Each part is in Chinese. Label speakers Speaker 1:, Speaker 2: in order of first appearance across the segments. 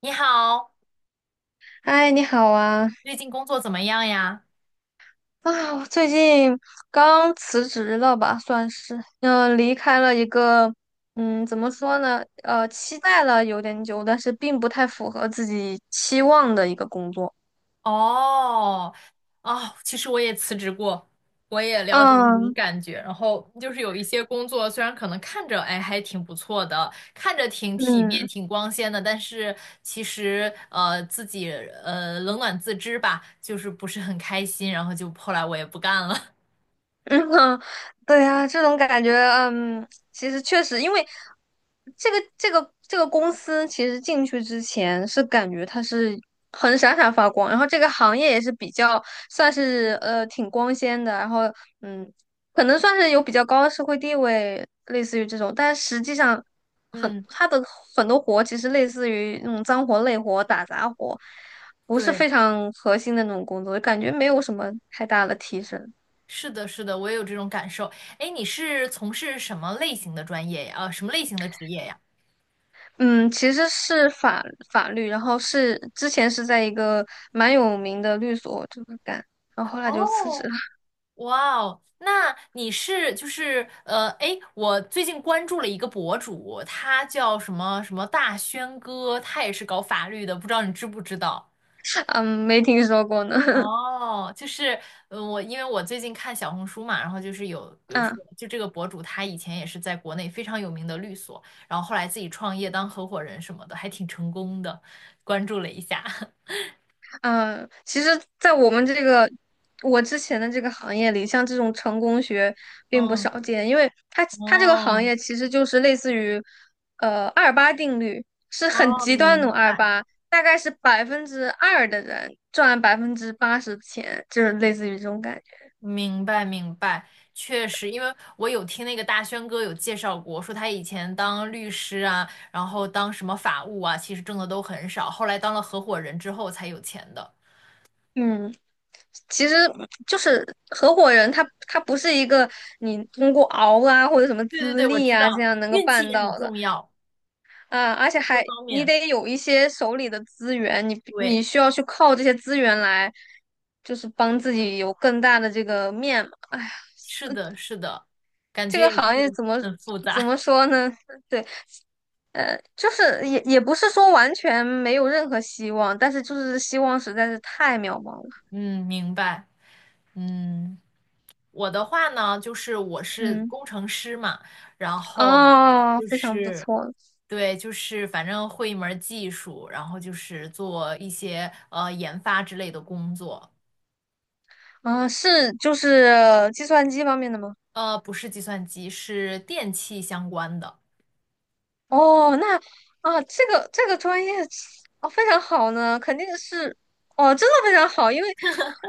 Speaker 1: 你好，
Speaker 2: 嗨，你好啊！
Speaker 1: 最近工作怎么样呀？
Speaker 2: 啊，我最近刚辞职了吧，算是，离开了一个，嗯，怎么说呢？期待了有点久，但是并不太符合自己期望的一个工作。
Speaker 1: 哦，哦，其实我也辞职过，我也了解那种
Speaker 2: 嗯
Speaker 1: 感觉。然后就是有一些工作，虽然可能看着哎还挺不错的，看着挺体面、
Speaker 2: 嗯，
Speaker 1: 挺光鲜的，但是其实自己冷暖自知吧，就是不是很开心。然后就后来我也不干了。
Speaker 2: 嗯，哼，对呀，这种感觉，嗯，其实确实，因为这个公司，其实进去之前是感觉它是很闪闪发光，然后这个行业也是比较算是 挺光鲜的，然后嗯，可能算是有比较高的社会地位，类似于这种，但实际上很
Speaker 1: 嗯，
Speaker 2: 它的很多活其实类似于那种脏活累活、打杂活，不是
Speaker 1: 对，
Speaker 2: 非常核心的那种工作，感觉没有什么太大的提升。
Speaker 1: 是的，是的，我也有这种感受。哎，你是从事什么类型的专业呀？什么类型的职业呀？
Speaker 2: 嗯，其实是法律，然后是之前是在一个蛮有名的律所这么干，然后后来就辞职
Speaker 1: 哦，
Speaker 2: 了。
Speaker 1: 哇哦，那你是就是哎，我最近关注了一个博主，他叫什么什么大轩哥，他也是搞法律的，不知道你知不知道？
Speaker 2: 嗯，没听说过呢。
Speaker 1: 哦，就是嗯，我因为我最近看小红书嘛，然后就是有
Speaker 2: 嗯
Speaker 1: 说，就这个博主他以前也是在国内非常有名的律所，然后后来自己创业当合伙人什么的，还挺成功的，关注了一下。
Speaker 2: 嗯，其实，在我们这个我之前的这个行业里，像这种成功学并不
Speaker 1: 嗯，
Speaker 2: 少见，因为它这个行
Speaker 1: 哦
Speaker 2: 业其实就是类似于二八定律，是很
Speaker 1: 哦，
Speaker 2: 极端
Speaker 1: 明
Speaker 2: 的二
Speaker 1: 白。
Speaker 2: 八，大概是2%的人赚80%的钱，就是类似于这种感觉。
Speaker 1: 明白明白，确实，因为我有听那个大轩哥有介绍过，说他以前当律师啊，然后当什么法务啊，其实挣的都很少，后来当了合伙人之后才有钱的。
Speaker 2: 嗯。其实就是合伙人他，他不是一个你通过熬啊或者什么
Speaker 1: 对对对，
Speaker 2: 资
Speaker 1: 我
Speaker 2: 历
Speaker 1: 知
Speaker 2: 啊这
Speaker 1: 道，
Speaker 2: 样能够
Speaker 1: 运气
Speaker 2: 办
Speaker 1: 也很
Speaker 2: 到的
Speaker 1: 重要，
Speaker 2: 啊，而且
Speaker 1: 各
Speaker 2: 还
Speaker 1: 方
Speaker 2: 你
Speaker 1: 面。
Speaker 2: 得有一些手里的资源，你
Speaker 1: 对，
Speaker 2: 你需要去靠这些资源来，就是帮自己有更大的这个面嘛。哎呀，
Speaker 1: 是的，是的，感
Speaker 2: 这
Speaker 1: 觉也
Speaker 2: 个行业
Speaker 1: 是很复
Speaker 2: 怎
Speaker 1: 杂。
Speaker 2: 么说呢？对，呃，就是也不是说完全没有任何希望，但是就是希望实在是太渺茫了。
Speaker 1: 嗯，明白。嗯，我的话呢，就是我是
Speaker 2: 嗯，
Speaker 1: 工程师嘛，然后
Speaker 2: 哦，
Speaker 1: 就
Speaker 2: 非常不
Speaker 1: 是。
Speaker 2: 错。
Speaker 1: 对，就是反正会一门儿技术，然后就是做一些研发之类的工作，
Speaker 2: 啊，是就是计算机方面的吗？
Speaker 1: 呃，不是计算机，是电器相关的。
Speaker 2: 哦，那啊，这个专业哦非常好呢，肯定是哦，真的非常好，因为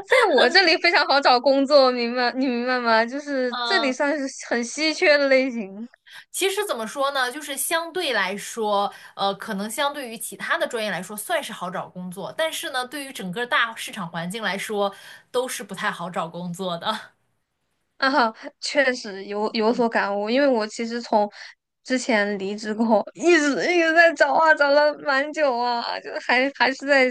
Speaker 2: 在我这里非常好找工作，明白你明白吗？就是这里
Speaker 1: 嗯，
Speaker 2: 算是很稀缺的类型
Speaker 1: 其实怎么说呢，就是相对来说，呃，可能相对于其他的专业来说，算是好找工作，但是呢，对于整个大市场环境来说，都是不太好找工作的。
Speaker 2: 啊，确实有有所感悟，因为我其实从之前离职过后，一直在找啊，找了蛮久啊，就还是在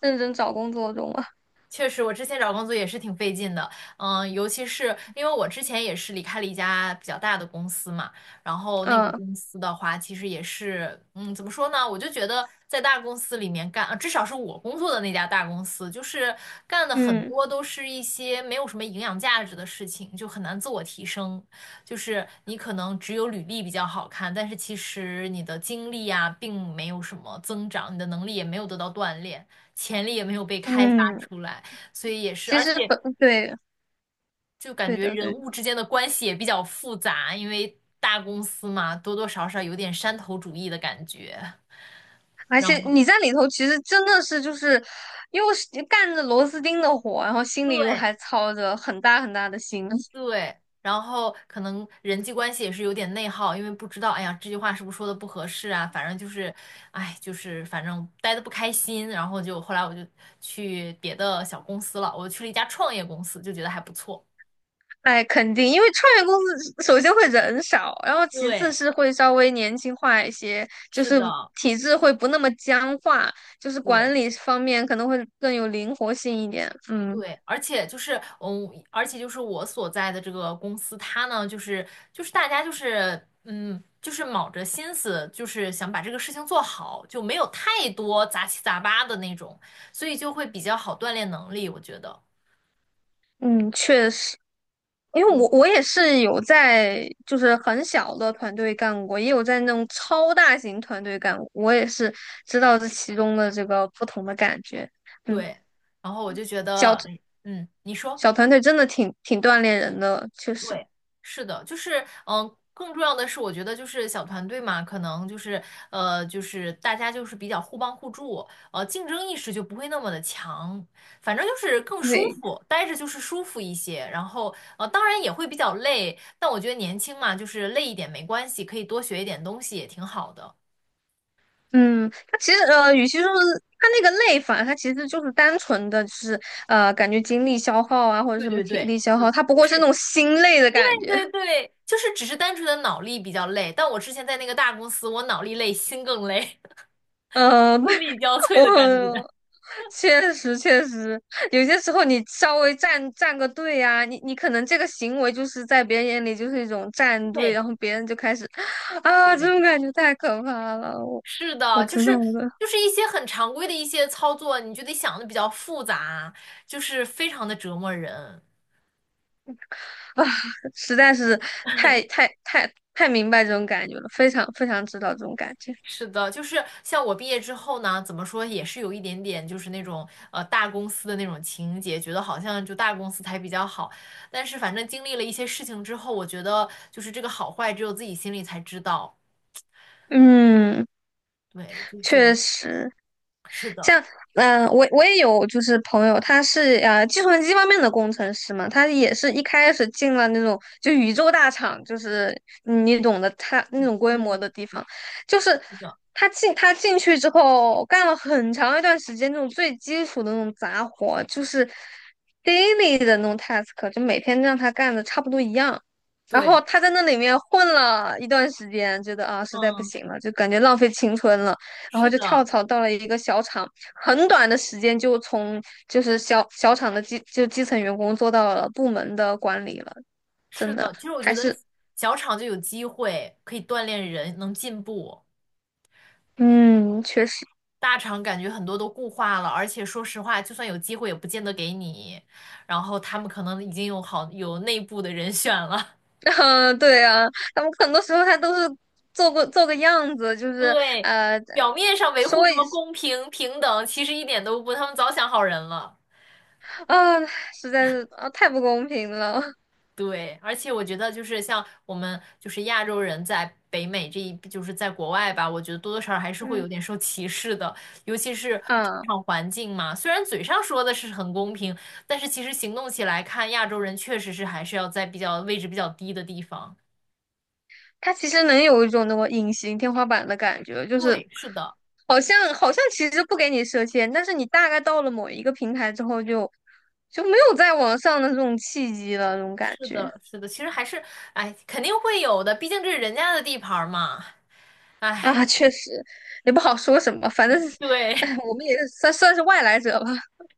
Speaker 2: 认真找工作中啊，
Speaker 1: 确实，我之前找工作也是挺费劲的，嗯，尤其是因为我之前也是离开了一家比较大的公司嘛，然后那个
Speaker 2: 嗯
Speaker 1: 公司的话，其实也是，嗯，怎么说呢？我就觉得在大公司里面干，至少是我工作的那家大公司，就是干的很
Speaker 2: 嗯。
Speaker 1: 多都是一些没有什么营养价值的事情，就很难自我提升。就是你可能只有履历比较好看，但是其实你的经历啊，并没有什么增长，你的能力也没有得到锻炼，潜力也没有被开发
Speaker 2: 嗯
Speaker 1: 出来。所以也是，
Speaker 2: 其
Speaker 1: 而
Speaker 2: 实
Speaker 1: 且
Speaker 2: 本对
Speaker 1: 就感
Speaker 2: 对
Speaker 1: 觉
Speaker 2: 的
Speaker 1: 人
Speaker 2: 对的
Speaker 1: 物之间的关系也比较复杂，因为大公司嘛，多多少少有点山头主义的感觉。
Speaker 2: 而
Speaker 1: 然
Speaker 2: 且
Speaker 1: 后
Speaker 2: 你在里头其实真的是就是又是干着螺丝钉的活，然后心里又
Speaker 1: 对
Speaker 2: 还操着很大很大的心。
Speaker 1: 对，然后可能人际关系也是有点内耗，因为不知道，哎呀，这句话是不是说的不合适啊？反正就是，哎，就是反正待的不开心，然后就后来我就去别的小公司了，我去了一家创业公司，就觉得还不错。
Speaker 2: 哎，肯定，因为创业公司首先会人少，然后其次
Speaker 1: 对，
Speaker 2: 是会稍微年轻化一些，就
Speaker 1: 是
Speaker 2: 是
Speaker 1: 的，
Speaker 2: 体制会不那么僵化，就是
Speaker 1: 对。
Speaker 2: 管理方面可能会更有灵活性一点。嗯。
Speaker 1: 对，而且就是，嗯，而且就是我所在的这个公司，它呢，就是大家就是，嗯，就是卯着心思，就是想把这个事情做好，就没有太多杂七杂八的那种，所以就会比较好锻炼能力，我觉得。
Speaker 2: 嗯，确实。因为我也是有在就是很小的团队干过，也有在那种超大型团队干过，我也是知道这其中的这个不同的感觉。嗯，
Speaker 1: 对，然后我就觉得，
Speaker 2: 小
Speaker 1: 嗯，你说。
Speaker 2: 小团队真的挺锻炼人的，确实。
Speaker 1: 对，是的，就是更重要的是，我觉得就是小团队嘛，可能就是就是大家就是比较互帮互助，呃，竞争意识就不会那么的强，反正就是更舒
Speaker 2: 对，
Speaker 1: 服，待着就是舒服一些。然后呃，当然也会比较累，但我觉得年轻嘛，就是累一点没关系，可以多学一点东西也挺好的。
Speaker 2: 嗯，它其实呃，与其说是它那个累法，它其实就是单纯的，就是呃，感觉精力消耗啊，或者
Speaker 1: 对
Speaker 2: 什么
Speaker 1: 对
Speaker 2: 体
Speaker 1: 对。
Speaker 2: 力消
Speaker 1: 就
Speaker 2: 耗，它不
Speaker 1: 不
Speaker 2: 过是那
Speaker 1: 是
Speaker 2: 种心累的感觉。
Speaker 1: 对 对对，就是只是单纯的脑力比较累，但我之前在那个大公司，我脑力累，心更累，
Speaker 2: 呃，
Speaker 1: 心力交瘁的感觉。
Speaker 2: 我确实，有些时候你稍微站个队啊，你可能这个行为就是在别人眼里就是一种站队，
Speaker 1: 对，
Speaker 2: 然后别人就开始啊，这
Speaker 1: 对，
Speaker 2: 种感觉太可怕了。
Speaker 1: 是
Speaker 2: 我
Speaker 1: 的，就
Speaker 2: 知道
Speaker 1: 是
Speaker 2: 的
Speaker 1: 就是一些很常规的一些操作，你就得想的比较复杂，就是非常的折磨人。
Speaker 2: 啊，实在是太明白这种感觉了，非常知道这种感觉。
Speaker 1: 是的，就是像我毕业之后呢，怎么说也是有一点点就是那种大公司的那种情节，觉得好像就大公司才比较好。但是反正经历了一些事情之后，我觉得就是这个好坏只有自己心里才知道。
Speaker 2: 嗯，
Speaker 1: 对，就是
Speaker 2: 确实。
Speaker 1: 是的，
Speaker 2: 像我也有就是朋友，他是计算机方面的工程师嘛，他也
Speaker 1: 嗯
Speaker 2: 是一开始进了那种就宇宙大厂，就是嗯你懂得他那种规模
Speaker 1: 嗯，
Speaker 2: 的地方，就是
Speaker 1: 是的，
Speaker 2: 他进去之后干了很长一段时间那种最基础的那种杂活，就是 daily 的那种 task，就每天让他干的差不多一样。然
Speaker 1: 对，
Speaker 2: 后他在那里面混了一段时间，觉得啊实在不
Speaker 1: 嗯，
Speaker 2: 行了，就感觉浪费青春了，然后
Speaker 1: 是
Speaker 2: 就跳
Speaker 1: 的。
Speaker 2: 槽到了一个小厂，很短的时间就从就是小小厂的基就基层员工做到了部门的管理了，真
Speaker 1: 是
Speaker 2: 的
Speaker 1: 的，其实我
Speaker 2: 还
Speaker 1: 觉得
Speaker 2: 是
Speaker 1: 小厂就有机会可以锻炼人，能进步。
Speaker 2: 嗯，确实，
Speaker 1: 大厂感觉很多都固化了，而且说实话，就算有机会也不见得给你。然后他们可能已经有内部的人选了。
Speaker 2: 啊，对啊，他们很多时候他都是做个样子，就 是
Speaker 1: 对，
Speaker 2: 呃，
Speaker 1: 表面上维护
Speaker 2: 所
Speaker 1: 什
Speaker 2: 以
Speaker 1: 么公平平等，其实一点都不，他们早想好人了。
Speaker 2: 啊，实在是啊，太不公平了，
Speaker 1: 对，而且我觉得就是像我们就是亚洲人在北美这一，就是在国外吧，我觉得多多少少还 是会
Speaker 2: 嗯
Speaker 1: 有点受歧视的，尤其是职
Speaker 2: 啊。
Speaker 1: 场环境嘛。虽然嘴上说的是很公平，但是其实行动起来看，亚洲人确实是还是要在比较位置比较低的地方。
Speaker 2: 它其实能有一种那种隐形天花板的感觉，就是
Speaker 1: 对，是的，
Speaker 2: 好像其实不给你设限，但是你大概到了某一个平台之后就，就没有再往上的这种契机了，这种感
Speaker 1: 是
Speaker 2: 觉
Speaker 1: 的，是的，其实还是，哎，肯定会有的，毕竟这是人家的地盘儿嘛。
Speaker 2: 啊，
Speaker 1: 哎，
Speaker 2: 确实也不好说什么，反正
Speaker 1: 对，
Speaker 2: 哎，我们也算是外来者吧，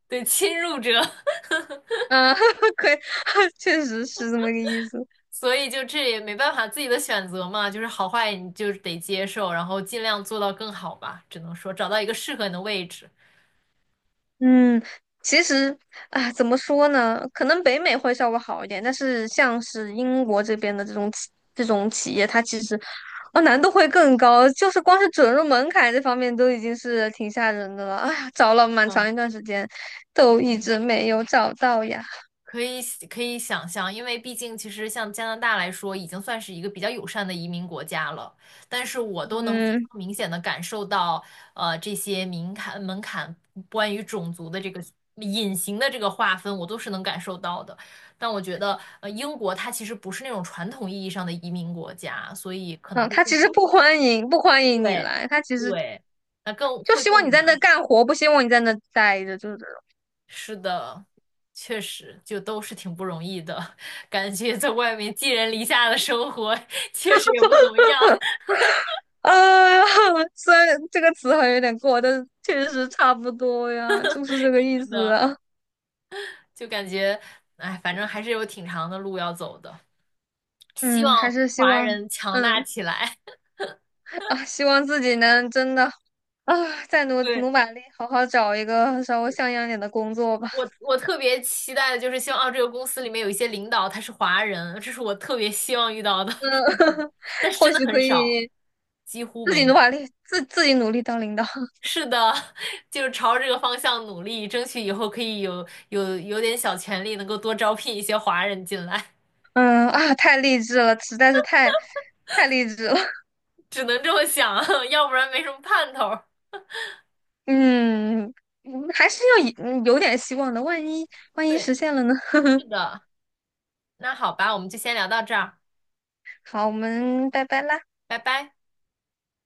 Speaker 1: 对，侵入者。
Speaker 2: 啊，可以，确实是这么个意思。
Speaker 1: 所以就这也没办法，自己的选择嘛，就是好坏你就是得接受，然后尽量做到更好吧。只能说找到一个适合你的位置，
Speaker 2: 嗯，其实啊，怎么说呢？可能北美会稍微好一点，但是像是英国这边的这种这种企业，它其实啊难度会更高，就是光是准入门槛这方面都已经是挺吓人的了。哎呀，找了蛮长一段时间，都一
Speaker 1: 嗯
Speaker 2: 直没有找到呀。
Speaker 1: 可以可以想象，因为毕竟其实像加拿大来说，已经算是一个比较友善的移民国家了。但是我都能非
Speaker 2: 嗯
Speaker 1: 常明显的感受到，呃，这些门槛关于种族的这个隐形的这个划分，我都是能感受到的。但我觉得，呃，英国它其实不是那种传统意义上的移民国家，所以可能
Speaker 2: 啊，
Speaker 1: 会
Speaker 2: 他
Speaker 1: 更。
Speaker 2: 其实不欢迎你
Speaker 1: 对
Speaker 2: 来，他其实
Speaker 1: 对，那更
Speaker 2: 就
Speaker 1: 会
Speaker 2: 希望你
Speaker 1: 更
Speaker 2: 在那
Speaker 1: 难。
Speaker 2: 干活，不希望你在那待着，就是
Speaker 1: 是的，确实，就都是挺不容易的，感觉在外面寄人篱下的生活确实也不怎么样。
Speaker 2: 呃，虽然这个词好像有点过，但是确实差不多呀，就是这个意
Speaker 1: 是
Speaker 2: 思
Speaker 1: 的，
Speaker 2: 啊。
Speaker 1: 就感觉，哎，反正还是有挺长的路要走的。希望
Speaker 2: 嗯，还是希
Speaker 1: 华
Speaker 2: 望，
Speaker 1: 人强大
Speaker 2: 嗯
Speaker 1: 起来。
Speaker 2: 啊，希望自己能真的啊，再努
Speaker 1: 对，
Speaker 2: 努把力，好好找一个稍微像样点的工作吧。
Speaker 1: 我，我特别期待的就是希望，啊，这个公司里面有一些领导他是华人，这是我特别希望遇到的，但是
Speaker 2: 或
Speaker 1: 真的
Speaker 2: 许可
Speaker 1: 很少，
Speaker 2: 以
Speaker 1: 几乎
Speaker 2: 自
Speaker 1: 没
Speaker 2: 己努
Speaker 1: 有。
Speaker 2: 把力，自己努力当领导。
Speaker 1: 是的，就是朝这个方向努力，争取以后可以有有点小权利，能够多招聘一些华人进来，
Speaker 2: 嗯啊，太励志了，实在是太励志了。
Speaker 1: 只能这么想，要不然没什么盼头儿
Speaker 2: 嗯，嗯还是要以嗯有点希望的，万一
Speaker 1: 对，
Speaker 2: 实现了呢？
Speaker 1: 是 的，那好吧，我们就先聊到这儿，
Speaker 2: 好，我们拜拜啦。
Speaker 1: 拜拜。